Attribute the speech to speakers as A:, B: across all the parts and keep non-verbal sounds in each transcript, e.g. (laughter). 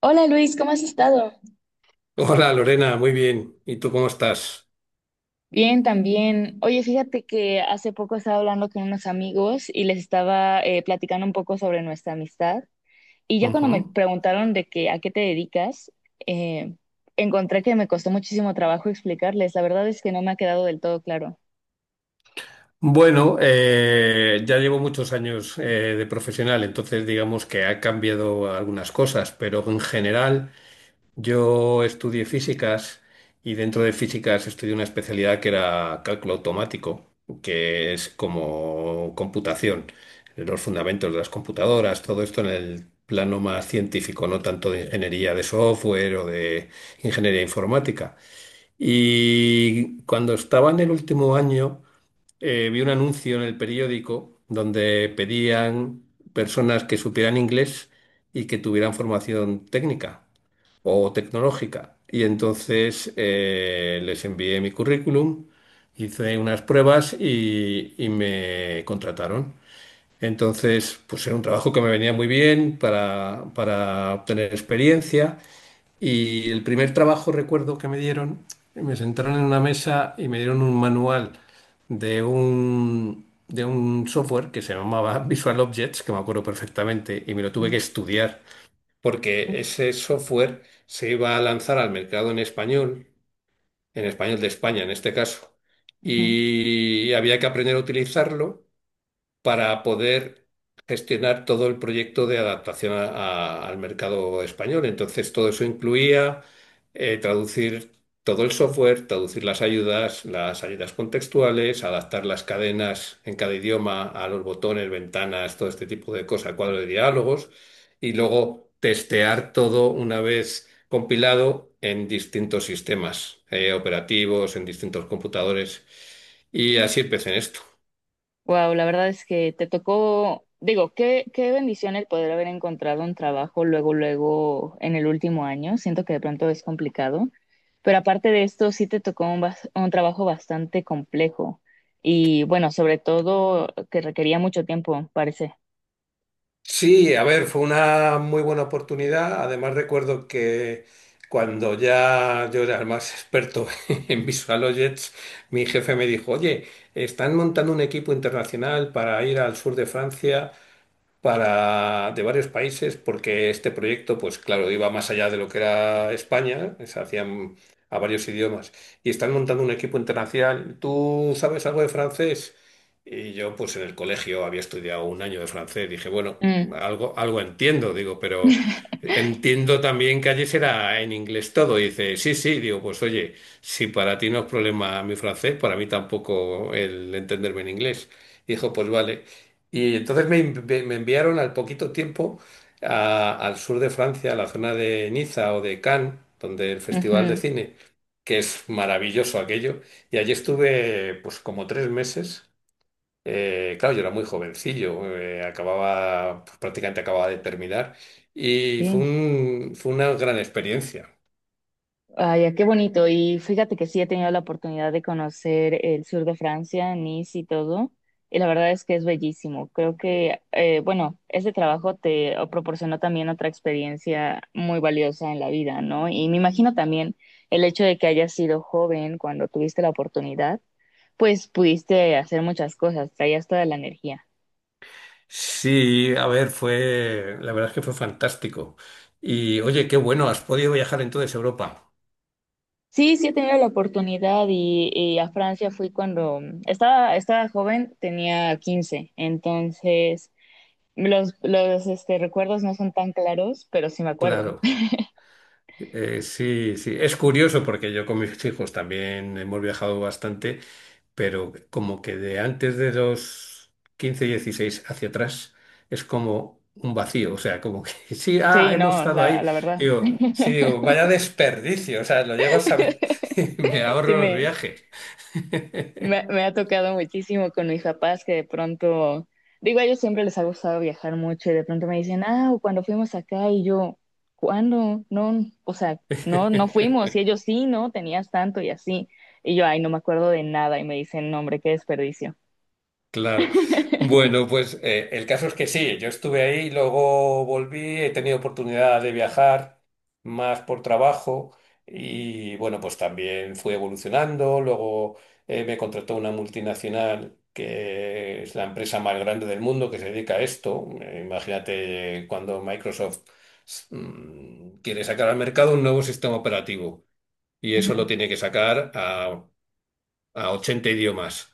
A: Hola Luis, ¿cómo has estado?
B: Hola Lorena, muy bien. ¿Y tú cómo estás?
A: Bien, también. Oye, fíjate que hace poco estaba hablando con unos amigos y les estaba platicando un poco sobre nuestra amistad. Y ya cuando me
B: Ujú.
A: preguntaron de que a qué te dedicas, eh, encontré que me costó muchísimo trabajo explicarles. La verdad es que no me ha quedado del todo claro.
B: Bueno, ya llevo muchos años de profesional, entonces digamos que ha cambiado algunas cosas, pero en general yo estudié físicas y dentro de físicas estudié una especialidad que era cálculo automático, que es como computación, los fundamentos de las computadoras, todo esto en el plano más científico, no tanto de ingeniería de software o de ingeniería informática. Y cuando estaba en el último año, vi un anuncio en el periódico donde pedían personas que supieran inglés y que tuvieran formación técnica o tecnológica. Y entonces les envié mi currículum, hice unas pruebas y me contrataron. Entonces, pues era un trabajo que me venía muy bien para obtener experiencia. Y el primer trabajo, recuerdo que me dieron, me sentaron en una mesa y me dieron un manual de un software que se llamaba (laughs) Visual Objects, que me acuerdo perfectamente, y me lo tuve que
A: Mm.
B: estudiar, porque ese software se iba a lanzar al mercado en español de España en este caso,
A: Ujú.
B: y había que aprender a utilizarlo para poder gestionar todo el proyecto de adaptación al mercado español. Entonces, todo eso incluía traducir todo el software, traducir las ayudas contextuales, adaptar las cadenas en cada idioma a los botones, ventanas, todo este tipo de cosas, cuadro de diálogos, y luego testear todo una vez compilado en distintos sistemas operativos, en distintos computadores. Y así empecé en esto.
A: Wow, la verdad es que te tocó, digo, qué bendición el poder haber encontrado un trabajo luego, luego en el último año. Siento que de pronto es complicado, pero aparte de esto, sí te tocó un, un trabajo bastante complejo y bueno, sobre todo que requería mucho tiempo, parece.
B: Sí, a ver, fue una muy buena oportunidad. Además recuerdo que cuando ya yo era el más experto (laughs) en VisualOyets, mi jefe me dijo, oye, están montando un equipo internacional para ir al sur de Francia para, de varios países, porque este proyecto, pues claro, iba más allá de lo que era España, se hacían a varios idiomas, y están montando un equipo internacional. ¿Tú sabes algo de francés? Y yo, pues en el colegio había estudiado un año de francés, dije, bueno,
A: Mm.
B: algo, algo entiendo, digo, pero
A: (laughs)
B: entiendo también que allí será en inglés todo. Y dice, sí, sí, digo, pues oye, si para ti no es problema mi francés, para mí tampoco el entenderme en inglés. Dijo, pues vale. Y entonces me enviaron al poquito tiempo al sur de Francia, a la zona de Niza o de Cannes, donde el Festival de
A: Ujú.
B: Cine, que es maravilloso aquello. Y allí estuve pues como tres meses. Claro, yo era muy jovencillo, acababa, pues, prácticamente acababa de terminar. Y
A: Sí.
B: fue una gran experiencia.
A: Ay, ah, qué bonito. Y fíjate que sí he tenido la oportunidad de conocer el sur de Francia, Nice y todo. Y la verdad es que es bellísimo. Creo que, bueno, este trabajo te proporcionó también otra experiencia muy valiosa en la vida, ¿no? Y me imagino también el hecho de que hayas sido joven cuando tuviste la oportunidad, pues pudiste hacer muchas cosas, traías toda la energía.
B: Sí, a ver, la verdad es que fue fantástico. Y oye, qué bueno, has podido viajar entonces a Europa.
A: Sí, sí he tenido la oportunidad y a Francia fui cuando estaba joven, tenía 15. Entonces los, recuerdos no son tan claros, pero sí me acuerdo.
B: Claro. Sí, sí, es curioso porque yo con mis hijos también hemos viajado bastante, pero como que de antes de los 15, 16 hacia atrás es como un vacío, o sea, como que (laughs) sí, ah,
A: Sí,
B: hemos
A: no,
B: estado ahí,
A: la verdad.
B: digo, sí,
A: (laughs)
B: digo, vaya desperdicio, o sea, lo llego a saber (laughs) y me
A: Sí,
B: ahorro los viajes.
A: me ha tocado muchísimo con mis papás que de pronto, digo, a ellos siempre les ha gustado viajar mucho y de pronto me dicen, ah, cuando fuimos acá y yo, ¿cuándo? No, o sea, no, no fuimos
B: (laughs)
A: y ellos sí, no, tenías tanto y así. Y yo, ay, no me acuerdo de nada y me dicen, no, hombre, qué desperdicio.
B: Claro. Bueno, pues el caso es que sí, yo estuve ahí, luego volví, he tenido oportunidad de viajar más por trabajo y bueno, pues también fui evolucionando, luego me contrató una multinacional que es la empresa más grande del mundo que se dedica a esto. Imagínate cuando Microsoft quiere sacar al mercado un nuevo sistema operativo y eso
A: Ujú,
B: lo tiene que sacar a 80 idiomas.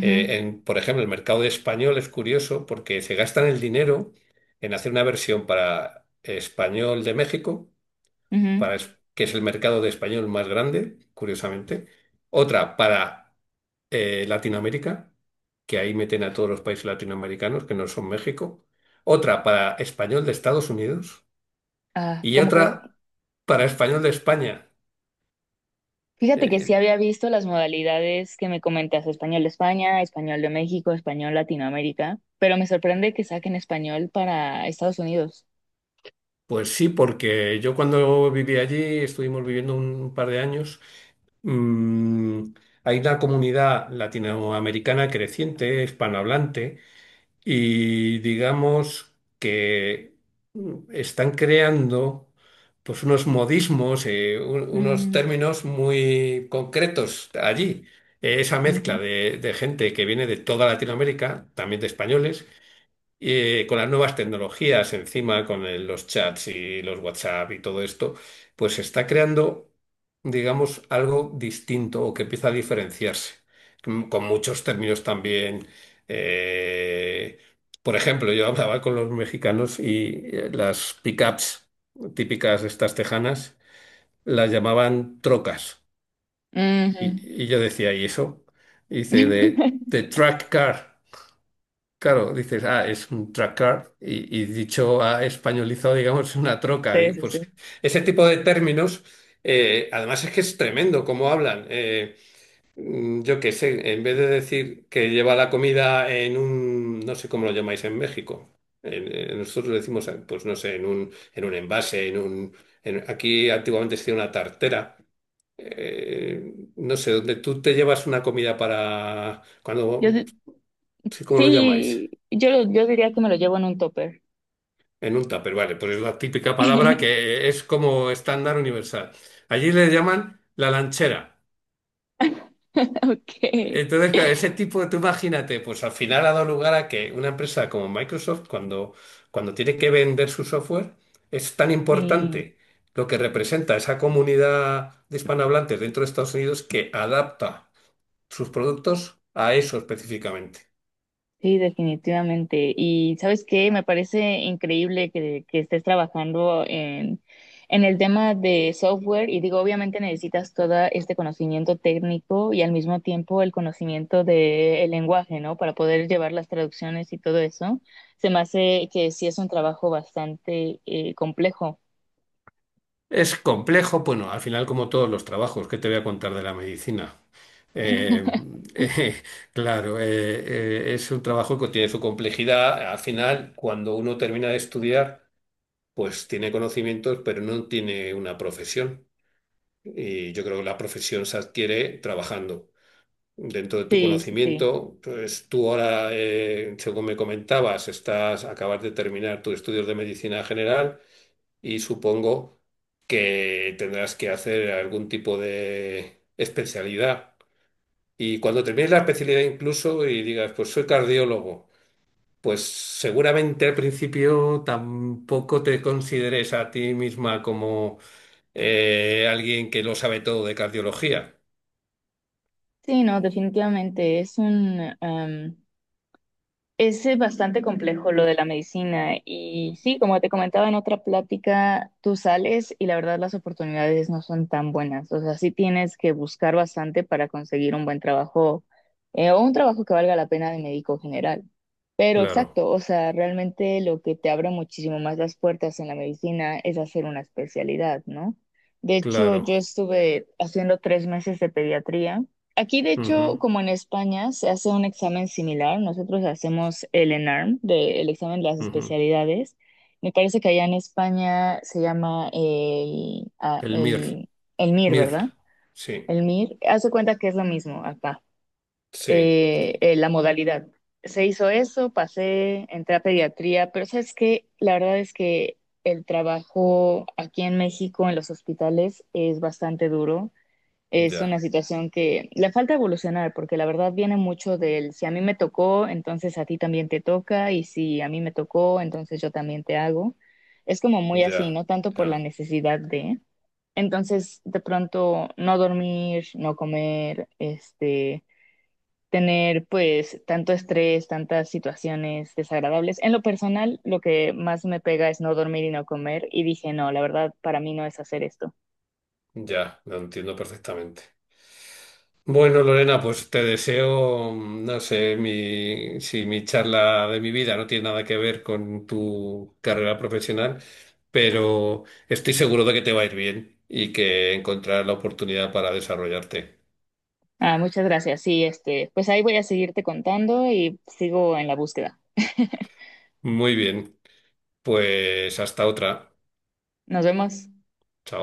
B: Por ejemplo, el mercado español es curioso porque se gastan el dinero en hacer una versión para español de México,
A: ujú.
B: que es el mercado de español más grande, curiosamente. Otra para Latinoamérica, que ahí meten a todos los países latinoamericanos que no son México. Otra para español de Estados Unidos
A: Ah,
B: y
A: ¿cómo crees?
B: otra para español de España.
A: Fíjate que sí
B: Eh,
A: había visto las modalidades que me comentas, español de España, español de México, español Latinoamérica, pero me sorprende que saquen español para Estados Unidos.
B: pues sí, porque yo cuando viví allí estuvimos viviendo un par de años. Mm, Hay una comunidad latinoamericana creciente, hispanohablante, y digamos que están creando pues unos modismos, unos
A: Ujú,
B: términos muy concretos allí. Esa mezcla
A: ujú,
B: de gente que viene de toda Latinoamérica, también de españoles, con las nuevas tecnologías encima, con los chats y los WhatsApp y todo esto, pues se está creando, digamos, algo distinto o que empieza a diferenciarse, con muchos términos también. eh, por ejemplo, yo hablaba con los mexicanos y las pickups típicas de estas tejanas las llamaban trocas.
A: ujú.
B: Y yo decía, ¿y eso? Y dice, de
A: (laughs)
B: track car. Claro, dices, ah, es un tracker y dicho a españolizado, digamos, (laughs) es una troca.
A: Sí,
B: Y,
A: sí, sí.
B: pues ese tipo de términos, además es que es tremendo cómo hablan. Yo qué sé, en vez de decir que lleva la comida en un, no sé cómo lo llamáis en México, nosotros decimos, pues no sé, en un, en un envase, aquí antiguamente se decía una tartera. No sé, donde tú te llevas una comida para,
A: Yo,
B: cuando,
A: di-
B: sí, ¿cómo lo llamáis?
A: sí, yo diría que me lo llevo en un topper.
B: En un tupper, vale, pues es la típica palabra
A: (laughs)
B: que es como estándar universal. Allí le llaman la lanchera.
A: Ok.
B: Entonces, claro, ese tipo de, tú imagínate, pues al final ha dado lugar a que una empresa como Microsoft, cuando tiene que vender su software, es tan
A: Sí.
B: importante lo que representa esa comunidad de hispanohablantes dentro de Estados Unidos que adapta sus productos a eso específicamente.
A: Sí, definitivamente. Y sabes qué, me parece increíble que estés trabajando en el tema de software y digo, obviamente necesitas todo este conocimiento técnico y al mismo tiempo el conocimiento del lenguaje, ¿no? Para poder llevar las traducciones y todo eso. Se me hace que sí es un trabajo bastante complejo.
B: Es complejo, bueno, al final como todos los trabajos que te voy a contar de la medicina. Eh, eh, (laughs) claro, es un trabajo que tiene su complejidad. Al final, cuando uno termina de estudiar, pues tiene conocimientos, pero no tiene una profesión. Y yo creo que la profesión se adquiere trabajando. Dentro de tu
A: Sí, sí, sí.
B: conocimiento, pues tú ahora, según me comentabas, acabas de terminar tus estudios de medicina general y supongo que tendrás que hacer algún tipo de especialidad. Y cuando termines la especialidad incluso y digas, pues soy cardiólogo, pues seguramente al principio tampoco te consideres a ti misma como alguien que lo sabe todo de cardiología.
A: Sí, no, definitivamente es es bastante complejo lo de la medicina y sí, como te comentaba en otra plática, tú sales y la verdad las oportunidades no son tan buenas. O sea, sí tienes que buscar bastante para conseguir un buen trabajo o un trabajo que valga la pena de médico general. Pero
B: Claro,
A: exacto, o sea, realmente lo que te abre muchísimo más las puertas en la medicina es hacer una especialidad, ¿no? De hecho, yo
B: claro.
A: estuve haciendo 3 meses de pediatría. Aquí, de
B: Ujú,
A: hecho, como en España, se hace un examen similar. Nosotros hacemos el ENARM, el examen de las
B: ujú.
A: especialidades. Me parece que allá en España se llama
B: El MIR,
A: el MIR,
B: MIR.
A: ¿verdad?
B: Sí,
A: El MIR. Hace cuenta que es lo mismo acá,
B: sí,
A: la modalidad. Se hizo eso, pasé, entré a pediatría, pero sabes que la verdad es que el trabajo aquí en México, en los hospitales, es bastante duro. Es una
B: ya,
A: situación que le falta evolucionar, porque la verdad viene mucho del si a mí me tocó, entonces a ti también te toca, y si a mí me tocó, entonces yo también te hago. Es como muy así,
B: ya,
A: no tanto por la
B: ya,
A: necesidad de. Entonces, de pronto, no dormir, no comer, este, tener pues tanto estrés, tantas situaciones desagradables. En lo personal, lo que más me pega es no dormir y no comer, y dije, no, la verdad, para mí no es hacer esto.
B: ya, lo entiendo perfectamente. Bueno, Lorena, pues te deseo, no sé, si mi charla de mi vida no tiene nada que ver con tu carrera profesional, pero estoy seguro de que te va a ir bien y que encontrarás la oportunidad para desarrollarte.
A: Ah, muchas gracias. Sí, este, pues ahí voy a seguirte contando y sigo en la búsqueda. (laughs)
B: Muy bien, pues hasta otra.
A: Nos vemos.
B: Chao.